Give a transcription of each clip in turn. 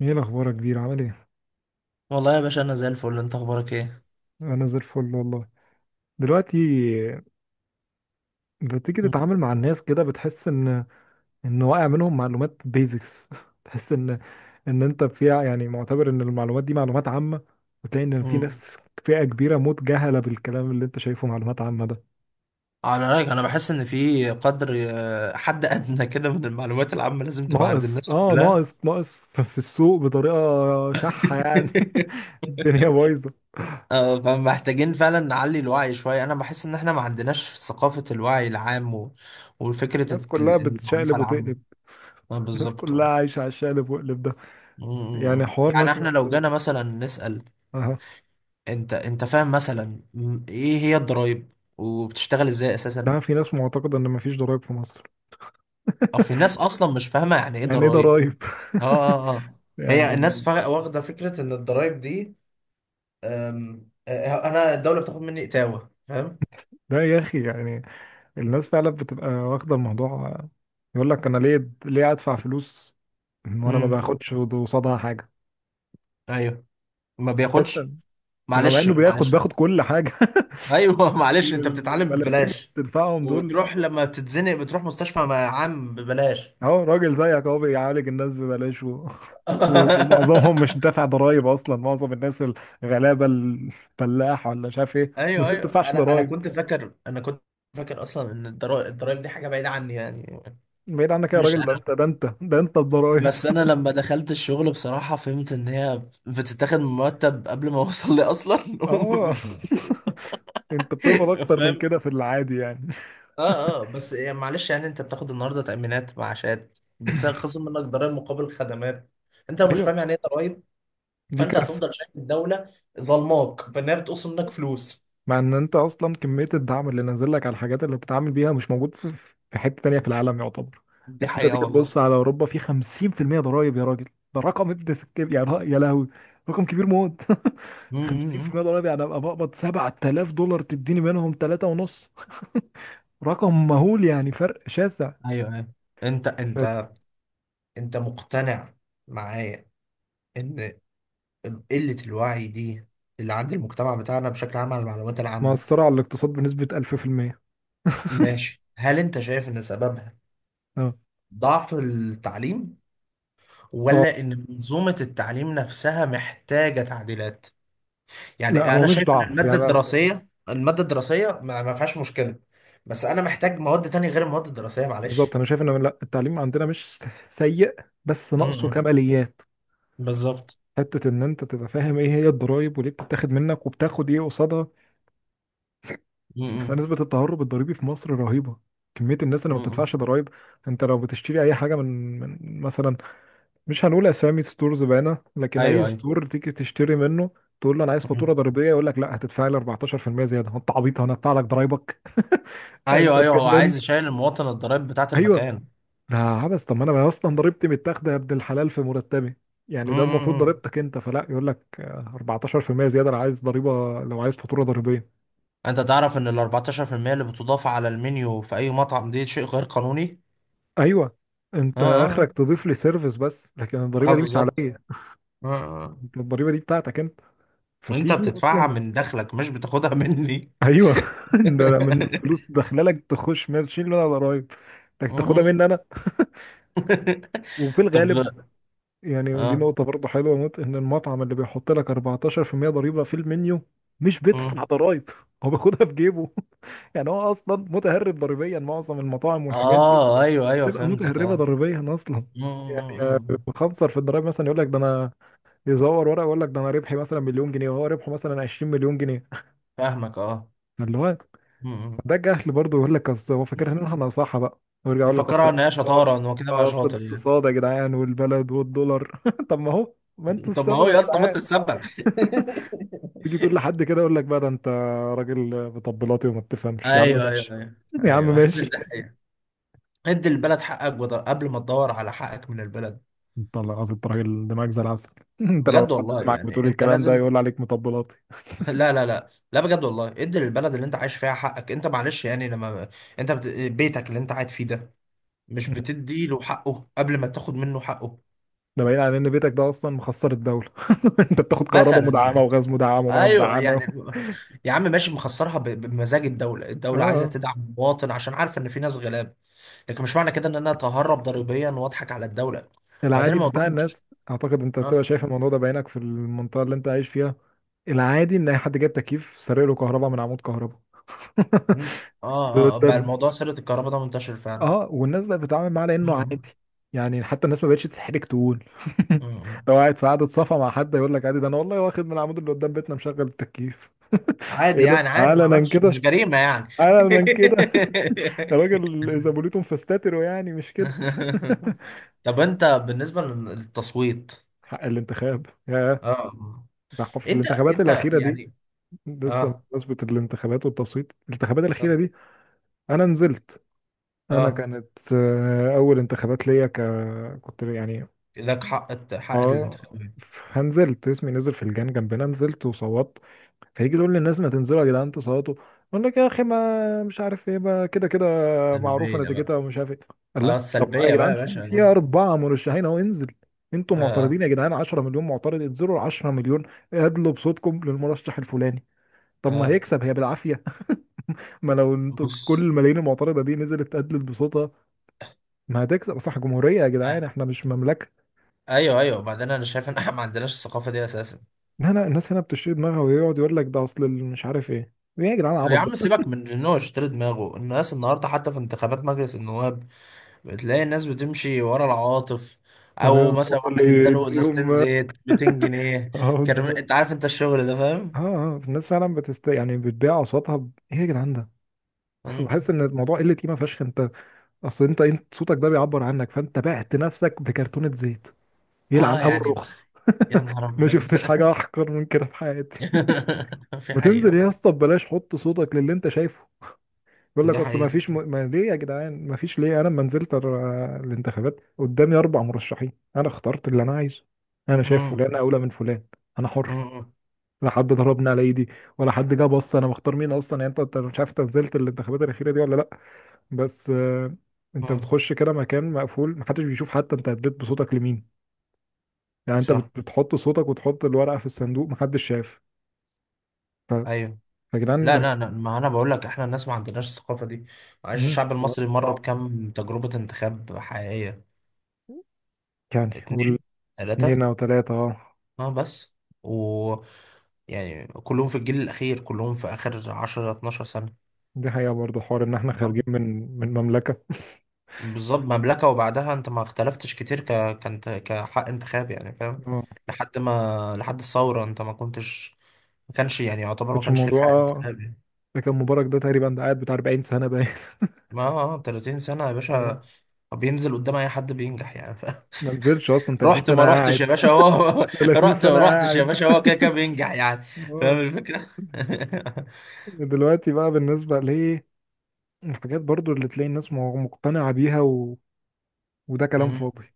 ايه الاخبار يا كبير؟ عامل ايه؟ والله يا باشا انا زي الفل، انت اخبارك ايه؟ انا زي الفل والله. دلوقتي بتيجي مم. تتعامل مع الناس كده، بتحس ان واقع منهم معلومات بيزكس. تحس ان انت فيها، يعني معتبر ان المعلومات دي معلومات عامة، وتلاقي ان في مم. ناس، فئة كبيرة موت، جهلة بالكلام اللي انت شايفه معلومات عامة ده. على رايك انا بحس ان في قدر حد ادنى كده من المعلومات العامه لازم تبقى عند ناقص الناس اه كلها. ناقص ناقص ف- في السوق بطريقة شحة يعني. الدنيا بايظة. فمحتاجين فعلا نعلي الوعي شويه. انا بحس ان احنا ما عندناش ثقافه الوعي العام وفكره الناس كلها المعرفه بتشقلب العامه. وتقلب. آه، الناس بالظبط كلها آه. عايشة على الشقلب وقلب ده. م- م- يعني م. حوار يعني مثلا، احنا لو جانا مثلا نسال، انت فاهم مثلا ايه هي الضرايب وبتشتغل ازاي اساسا؟ ده في ناس معتقدة ان مفيش ضرائب في مصر. او في ناس اصلا مش فاهمه يعني ايه يعني ايه ضرايب. ضرائب؟ اه. هي الناس يعني واخده فكره ان الضرايب دي، أم، آه، انا الدوله بتاخد مني اتاوه، فاهم؟ ده يا اخي، يعني الناس فعلا بتبقى واخدة الموضوع، يقول لك انا ليه ادفع فلوس وانا ما امم. باخدش قصادها حاجة؟ ايوه. ما بس بياخدش. مع معلش انه بياخد معلش أنا. بياخد كل حاجة. ايوه. معلش، ال- انت ال- بتتعلم الملاليم اللي ببلاش، بتدفعهم دول. وبتروح لما بتتزنق بتروح مستشفى مع عام ببلاش. اهو راجل زيك اهو بيعالج الناس ببلاش، و... ومعظمهم مش دافع ضرايب اصلا، معظم الناس الغلابه، الفلاح ولا مش عارف ايه. الناس ايوه دي ما ايوه، بتدفعش انا ضرايب. كنت فاكر، انا كنت فاكر اصلا ان الضرايب دي حاجه بعيده عني يعني. بعيد عنك يا مش راجل، ده انت، انا. ده انت، ده انت الضرايب. بس انا لما دخلت الشغل بصراحة فهمت ان هي بتتاخد من مرتب قبل ما اوصل لي اصلا. اه. انت بتقبض اكتر من فاهم. كده في العادي يعني. اه اه، بس يعني معلش، يعني انت بتاخد النهارده تأمينات معاشات، بتخصم منك ضرائب مقابل خدمات. انت لو مش ايوه، فاهم يعني ايه ضرائب، دي فانت كارثه. هتفضل شايف الدولة ظلماك، فانها بتقسم منك فلوس. مع ان انت اصلا كميه الدعم اللي نازل لك على الحاجات اللي بتتعامل بيها مش موجود في حته تانية في العالم يعتبر. دي يعني انت حقيقة تيجي والله. تبص على اوروبا، في 50% ضرايب يا راجل. ده رقم ابن سكين، يعني ر- يا لهوي، رقم كبير موت. م- م- م. 50% ضرايب، يعني ابقى بقبض 7000 دولار تديني منهم 3 ونص. رقم مهول يعني، فرق شاسع. ايوه ايوه. انت انت انت مقتنع معايا ان قلة الوعي دي اللي عند المجتمع بتاعنا بشكل عام على المعلومات العامة. مأثرة على الاقتصاد بنسبة 1000%. ماشي، هل انت شايف ان سببها اه ضعف التعليم، اه. ولا ان منظومة التعليم نفسها محتاجة تعديلات؟ لا يعني هو انا مش شايف ان ضعف يعني، المادة لا لا. الدراسية، المادة الدراسية ما فيهاش مشكلة، بس انا محتاج مواد تانية غير المواد الدراسية، معلش. بالظبط، انا شايف ان لا، التعليم عندنا مش سيء، بس ناقصه امم، كماليات. بالظبط. حته ان انت تبقى فاهم ايه هي الضرايب وليه بتتاخد منك وبتاخد ايه قصادها. احنا امم. نسبه التهرب الضريبي في مصر رهيبه، كميه الناس اللي ما امم. بتدفعش ضرايب. انت لو بتشتري اي حاجه من مثلا، مش هنقول اسامي ستورز بقى، لكن اي ايوه ايوه. ستور تيجي تشتري منه، تقول له انا عايز فاتوره امم. ضريبيه، يقول لك لا، هتدفع لي 14% زياده. انت عبيط؟ انا هدفع لك ضرايبك؟ انت ايوه ايوه، هو عايز اتجننت؟ يشيل المواطن الضرائب بتاعت ايوه، المكان. ده عبس. طب ما انا اصلا ضريبتي متاخده يا ابن الحلال في مرتبي. يعني ده المفروض امم. ضريبتك انت، فلا يقول لك 14% زياده لو عايز ضريبه، لو عايز فاتوره ضريبيه. انت تعرف ان ال 14% اللي بتضاف على المنيو في اي مطعم دي شيء غير قانوني. ايوه، اه انت اه. اخرك تضيف لي سيرفيس بس، لكن الضريبه دي مش بالظبط. عليا. اه آه. انت الضريبه دي بتاعتك انت، انت فتيجي بتدفعها اصلا. من دخلك، مش بتاخدها مني. ايوه. ده أنا من فلوس داخله لك تخش ماشي ولا ضرايب، انك تاخدها مني انا؟ وفي طب. الغالب يعني دي اه نقطة برضه حلوة موت، إن المطعم اللي بيحط لك 14% ضريبة في المنيو مش اه. بيدفع ضرايب، هو بياخدها في جيبه. يعني هو أصلا متهرب ضريبيا، معظم المطاعم والحاجات دي آه، ايوه ايوه، بتبقى فهمتك. متهربة اه. ضريبيا أصلا. آه، يعني آه، آه. آه. بخنصر في الضرايب، مثلا يقول لك ده أنا، يزور ورقة، يقول لك ده أنا ربحي مثلا مليون جنيه، وهو ربحه مثلا 20 مليون جنيه. فاهمك. اه. اللي هو آه، آه. ده جهل برضه، يقول لك أصل هو فاكر إن إحنا صح بقى، ويرجع يقول لك أصل مفكرها ان هي الاقتصاد، شطاره، ان هو كده بقى أصل شاطر يعني. الاقتصاد يا جدعان والبلد والدولار. طب ما هو، ما أنتوا طب ما هو السبب يا يا اسطى ما انت جدعان. السبب. تيجي تقول لحد كده يقول لك بقى ده انت راجل مطبلاتي وما بتفهمش. يا عم ايوه ايوه ماشي، ايوه يا عم ايوه ماشي. ده ادي البلد حقك قبل ما تدور على حقك من البلد. انت الله العظيم، انت راجل دماغك زي العسل. انت لو بجد حد والله، سمعك بتقول يعني انت الكلام ده لازم. يقول عليك مطبلاتي. لا لا، بجد والله ادي للبلد اللي انت عايش فيها حقك، انت معلش يعني لما انت بيتك اللي انت قاعد فيه ده، مش بتدي له حقه قبل ما تاخد منه حقه. ده بعيد عن ان بيتك ده اصلا مخسر الدوله. انت بتاخد كهرباء مثلا مدعمه يعني. وغاز مدعم وميه ايوه مدعمه. يعني، يا عم ماشي، مخسرها بمزاج. الدوله الدوله عايزه اه. تدعم المواطن عشان عارفه ان في ناس غلاب، لكن مش معنى كده ان انا اتهرب ضريبيا واضحك على الدوله. وبعدين العادي الموضوع بتاع مش... الناس، اعتقد انت بتبقى آه. شايف الموضوع ده بعينك في المنطقه اللي انت عايش فيها. العادي ان اي حد جايب تكييف سارق له كهرباء من عمود كهرباء. مم. اه ده, اه. آه، بقى ده الموضوع سيرة الكهرباء ده منتشر فعلا. اه، والناس بقت بتتعامل معاه لانه مم. عادي. يعني حتى الناس ما بقتش تتحرج، تقول مم. لو قاعد في قعده صفا مع حد يقول لك عادي، ده انا والله واخد من العمود اللي قدام بيتنا مشغل التكييف. عادي ايه ده، يعني، عادي، ما علنا عملتش، كده؟ مش جريمة يعني. علنا كده! ده راجل اذا بوليتم فاستتروا، يعني مش كده؟ طب انت بالنسبة للتصويت؟ حق الانتخاب يا، اه. ده في انت الانتخابات انت الاخيره دي. يعني. لسه اه بمناسبه الانتخابات والتصويت، الانتخابات الاخيره اه. دي انا نزلت. انا آه. كانت اول انتخابات ليا، ك كنت يعني، لك حق حق اه. الانتخابات. فنزلت، اسمي نزل في الجان جنبنا، نزلت وصوت. فيجي يقول للناس ما تنزلوا يا جدعان تصوتوا، اقول لك يا اخي ما مش عارف ايه، ما كده كده معروفه سلبية بقى. نتيجتها ومش عارف ايه. قال لا، اه، طب ما يا السلبية بقى جدعان، يا في باشا. في اه. اربعه مرشحين اهو، انزل. انتوا معترضين اه. يا جدعان، 10 مليون معترض، انزلوا ال 10 مليون، ادلوا بصوتكم للمرشح الفلاني. طب ما آه. هيكسب هي بالعافيه. ما لو انتوا كل بص. الملايين المعترضه دي نزلت ادلت بصوتها، ما هتكسب صح؟ جمهوريه يا آه. جدعان، احنا مش مملكه. ايوه ايوه، بعدين انا شايف ان احنا ما عندناش الثقافة دي اساسا. لا لا، الناس هنا بتشيل دماغها، ويقعد يقول لك ده اصل ال-، مش عارف ايه. ايه يا جدعان العبط يا ده؟ عم سيبك من ان هو يشتري دماغه، الناس النهارده حتى في انتخابات مجلس النواب بتلاقي الناس بتمشي ورا العواطف، او ايوه، مثلا الحوار واحد اللي اداله ازازتين يديهم. زيت 200 جنيه. اه، كرم، بالظبط. انت عارف انت الشغل ده فاهم. اه اه، الناس فعلا بتست يعني بتبيع اصواتها، ايه يا جدعان ده؟ اصل مم. بحس ان الموضوع قله قيمه فشخ. انت اصل انت، انت صوتك ده بيعبر عنك، فانت بعت نفسك بكرتونه زيت. اه يلعن ابو يعني. الرخص. يا نهار ما ابيض. شفتش حاجه احقر من كده في حياتي. في ما تنزل حقيقة يا بقى. اسطى ببلاش، حط صوتك للي انت شايفه، بيقول دي لك اصل ما حقيقة. فيش ما ليه يا جدعان؟ ما فيش ليه. انا لما نزلت الانتخابات قدامي اربع مرشحين، انا اخترت اللي انا عايزه. انا شايف مم. فلان اولى من فلان، انا حر، مم. لا حد ضربني على ايدي، ولا حد جه بص انا مختار مين اصلا يعني. انت أنت مش عارف انت نزلت الانتخابات الاخيره دي ولا لا؟ بس انت مم. بتخش كده مكان مقفول محدش بيشوف حتى انت اديت بصوتك لمين. يعني انت صح. بتحط صوتك وتحط الورقه في الصندوق، محدش شاف. ف- ايوه. فيا جدعان لا لما، لا لا، ما انا بقول لك احنا الناس ما عندناش الثقافة دي. معلش، مم، الشعب المصري مر صعب. بكم تجربة انتخاب حقيقية؟ يعني قول اتنين، اثنين ثلاثة. او ثلاثه، اه. اه بس. و. يعني كلهم في الجيل الأخير، كلهم في آخر 10 12 سنة. دي حقيقة برضه، حوار إن إحنا اه، خارجين من مملكة. بالظبط مملكة، وبعدها انت ما اختلفتش كتير كانت كحق انتخاب يعني، فاهم؟ آه. لحد ما، لحد الثورة انت ما كنتش، ما كانش يعني، يعتبر ما كانش كانش ليك الموضوع، حق آه. انتخاب يعني. ده كان مبارك، ده تقريبا ده قاعد بتاع 40 سنة باين. ما آه، 30 سنة يا باشا، آه. بينزل قدام أي حد بينجح يعني، فاهم؟ ما نزلش أصلا، 30 رحت سنة ما رحتش يا قاعد. باشا، هو 30 رحت سنة ما رحتش يا قاعد. باشا، هو كده كده بينجح يعني. فاهم اه. الفكرة؟ دلوقتي بقى بالنسبة ليه، الحاجات برضو اللي تلاقي الناس مقتنعة بيها، و... وده كلام مم. فاضي.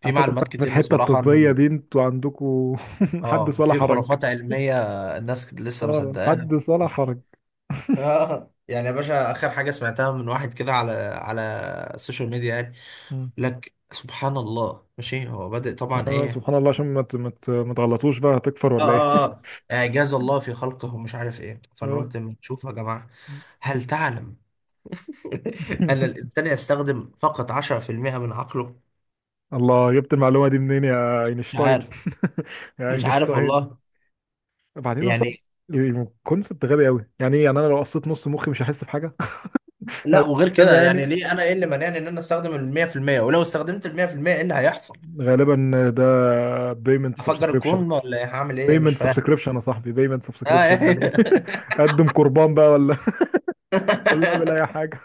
في اعتقد معلومات بقى في كتير الحتة بصراحة. الطبية دي انتوا عندكوا حدث اه ولا في حرج. خرافات علمية الناس لسه اه، مصدقاها. حدث ولا حرج. اه يعني يا باشا، اخر حاجة سمعتها من واحد كده على على السوشيال ميديا يعني، مم. لك سبحان الله، ماشي، هو بادئ طبعا اه، ايه. سبحان الله، عشان ما تغلطوش بقى، هتكفر اه ولا ايه؟ اه اه اعجاز الله في خلقه، مش عارف ايه، فانا اه. قلت ما تشوف يا جماعة، هل تعلم ان الانسان يستخدم فقط 10% من عقله. الله، جبت المعلومة دي منين يا مش اينشتاين؟ عارف. يا مش عارف اينشتاين. والله، بعدين اصلا يعني. الكونسبت غبي قوي، يعني ايه يعني انا لو قصيت نص مخي مش هحس بحاجة؟ لا وغير فاهم كده، يعني يعني؟ ليه انا، ايه اللي مانعني ان انا استخدم ال 100%؟ ولو استخدمت ال 100% ايه اللي هيحصل؟ غالبا ده بيمنت هفجر سبسكريبشن. الكون ولا إيه؟ هعمل ايه مش بيمنت فاهم. سبسكريبشن يا صاحبي، بيمنت آه سبسكريبشن، يعني إيه؟ ايه؟ اقدم قربان بقى، ولا ولا اعمل اي حاجة؟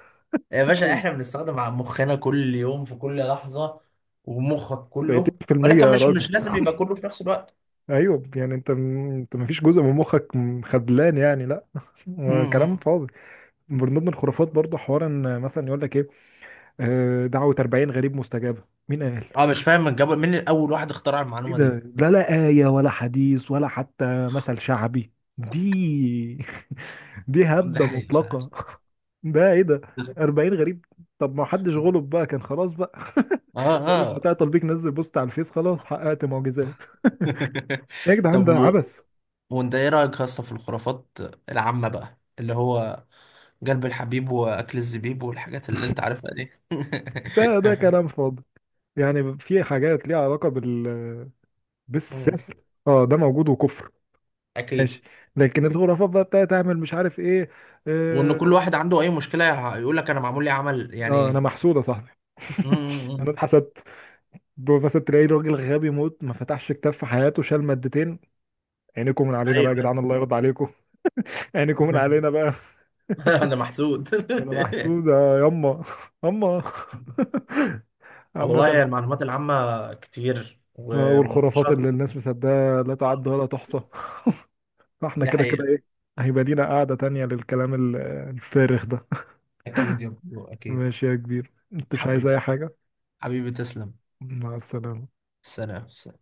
يا باشا احنا بنستخدم مخنا كل يوم في كل لحظة، ومخك كله، 30% ولكن يا مش راجل. مش لازم يبقى كله في نفس الوقت. ايوه يعني انت، انت مفيش جزء من مخك خدلان يعني؟ لا. م- كلام م. فاضي. من ضمن الخرافات برضه، حوار ان مثلا يقول لك ايه، دعوة 40 غريب مستجابة. مين قال؟ اه مش فاهم الجو، مين اول واحد اخترع ايه المعلومة ده؟ دي؟ لا لا، آية ولا حديث ولا حتى مثل شعبي دي. دي ده هبدة حقيقة فعلا. مطلقة. ده ايه ده؟ 40 غريب؟ طب ما حدش غلب بقى كان خلاص بقى. اه كل اه. بتاع تطبيق نزل بوست على الفيس خلاص حققت معجزات. يا جدعان طب ده و... عبث. وانت ايه رأيك يا اسطى في الخرافات العامة بقى، اللي هو قلب الحبيب واكل الزبيب والحاجات اللي انت عارفها دي. ده كلام فاضي. يعني في حاجات ليها علاقة بال مم. بالسحر اه ده موجود وكفر، اكيد. ماشي. لكن الخرافات بقى بتاعت تعمل مش عارف ايه، وان آه، كل واحد عنده اي مشكله يقول لك انا معمول لي عمل اه انا يعني. محسود يا صاحبي. انا امم. اتحسدت. دول مثلا تلاقي راجل غبي موت، ما فتحش كتاب في حياته، شال مادتين. عينيكم من ايوه، علينا بقى يا أيوة. جدعان، الله يرضى عليكم. عينيكم من علينا بقى. انا محسود. انا محسود يا يما، يما. والله عامة، هي المعلومات العامه كتير والخرافات ومناقشات. اللي الناس مصدقاها لا تعد ولا تحصى. فاحنا دي كده كده حقيقه. ايه، هيبقى لينا قعدة تانية للكلام الفارغ ده. اكيد يا برو، اكيد. ماشي يا كبير، انت مش عايز حبيبي. اي حاجة؟ حبيبي تسلم. مع السلامة. سلام.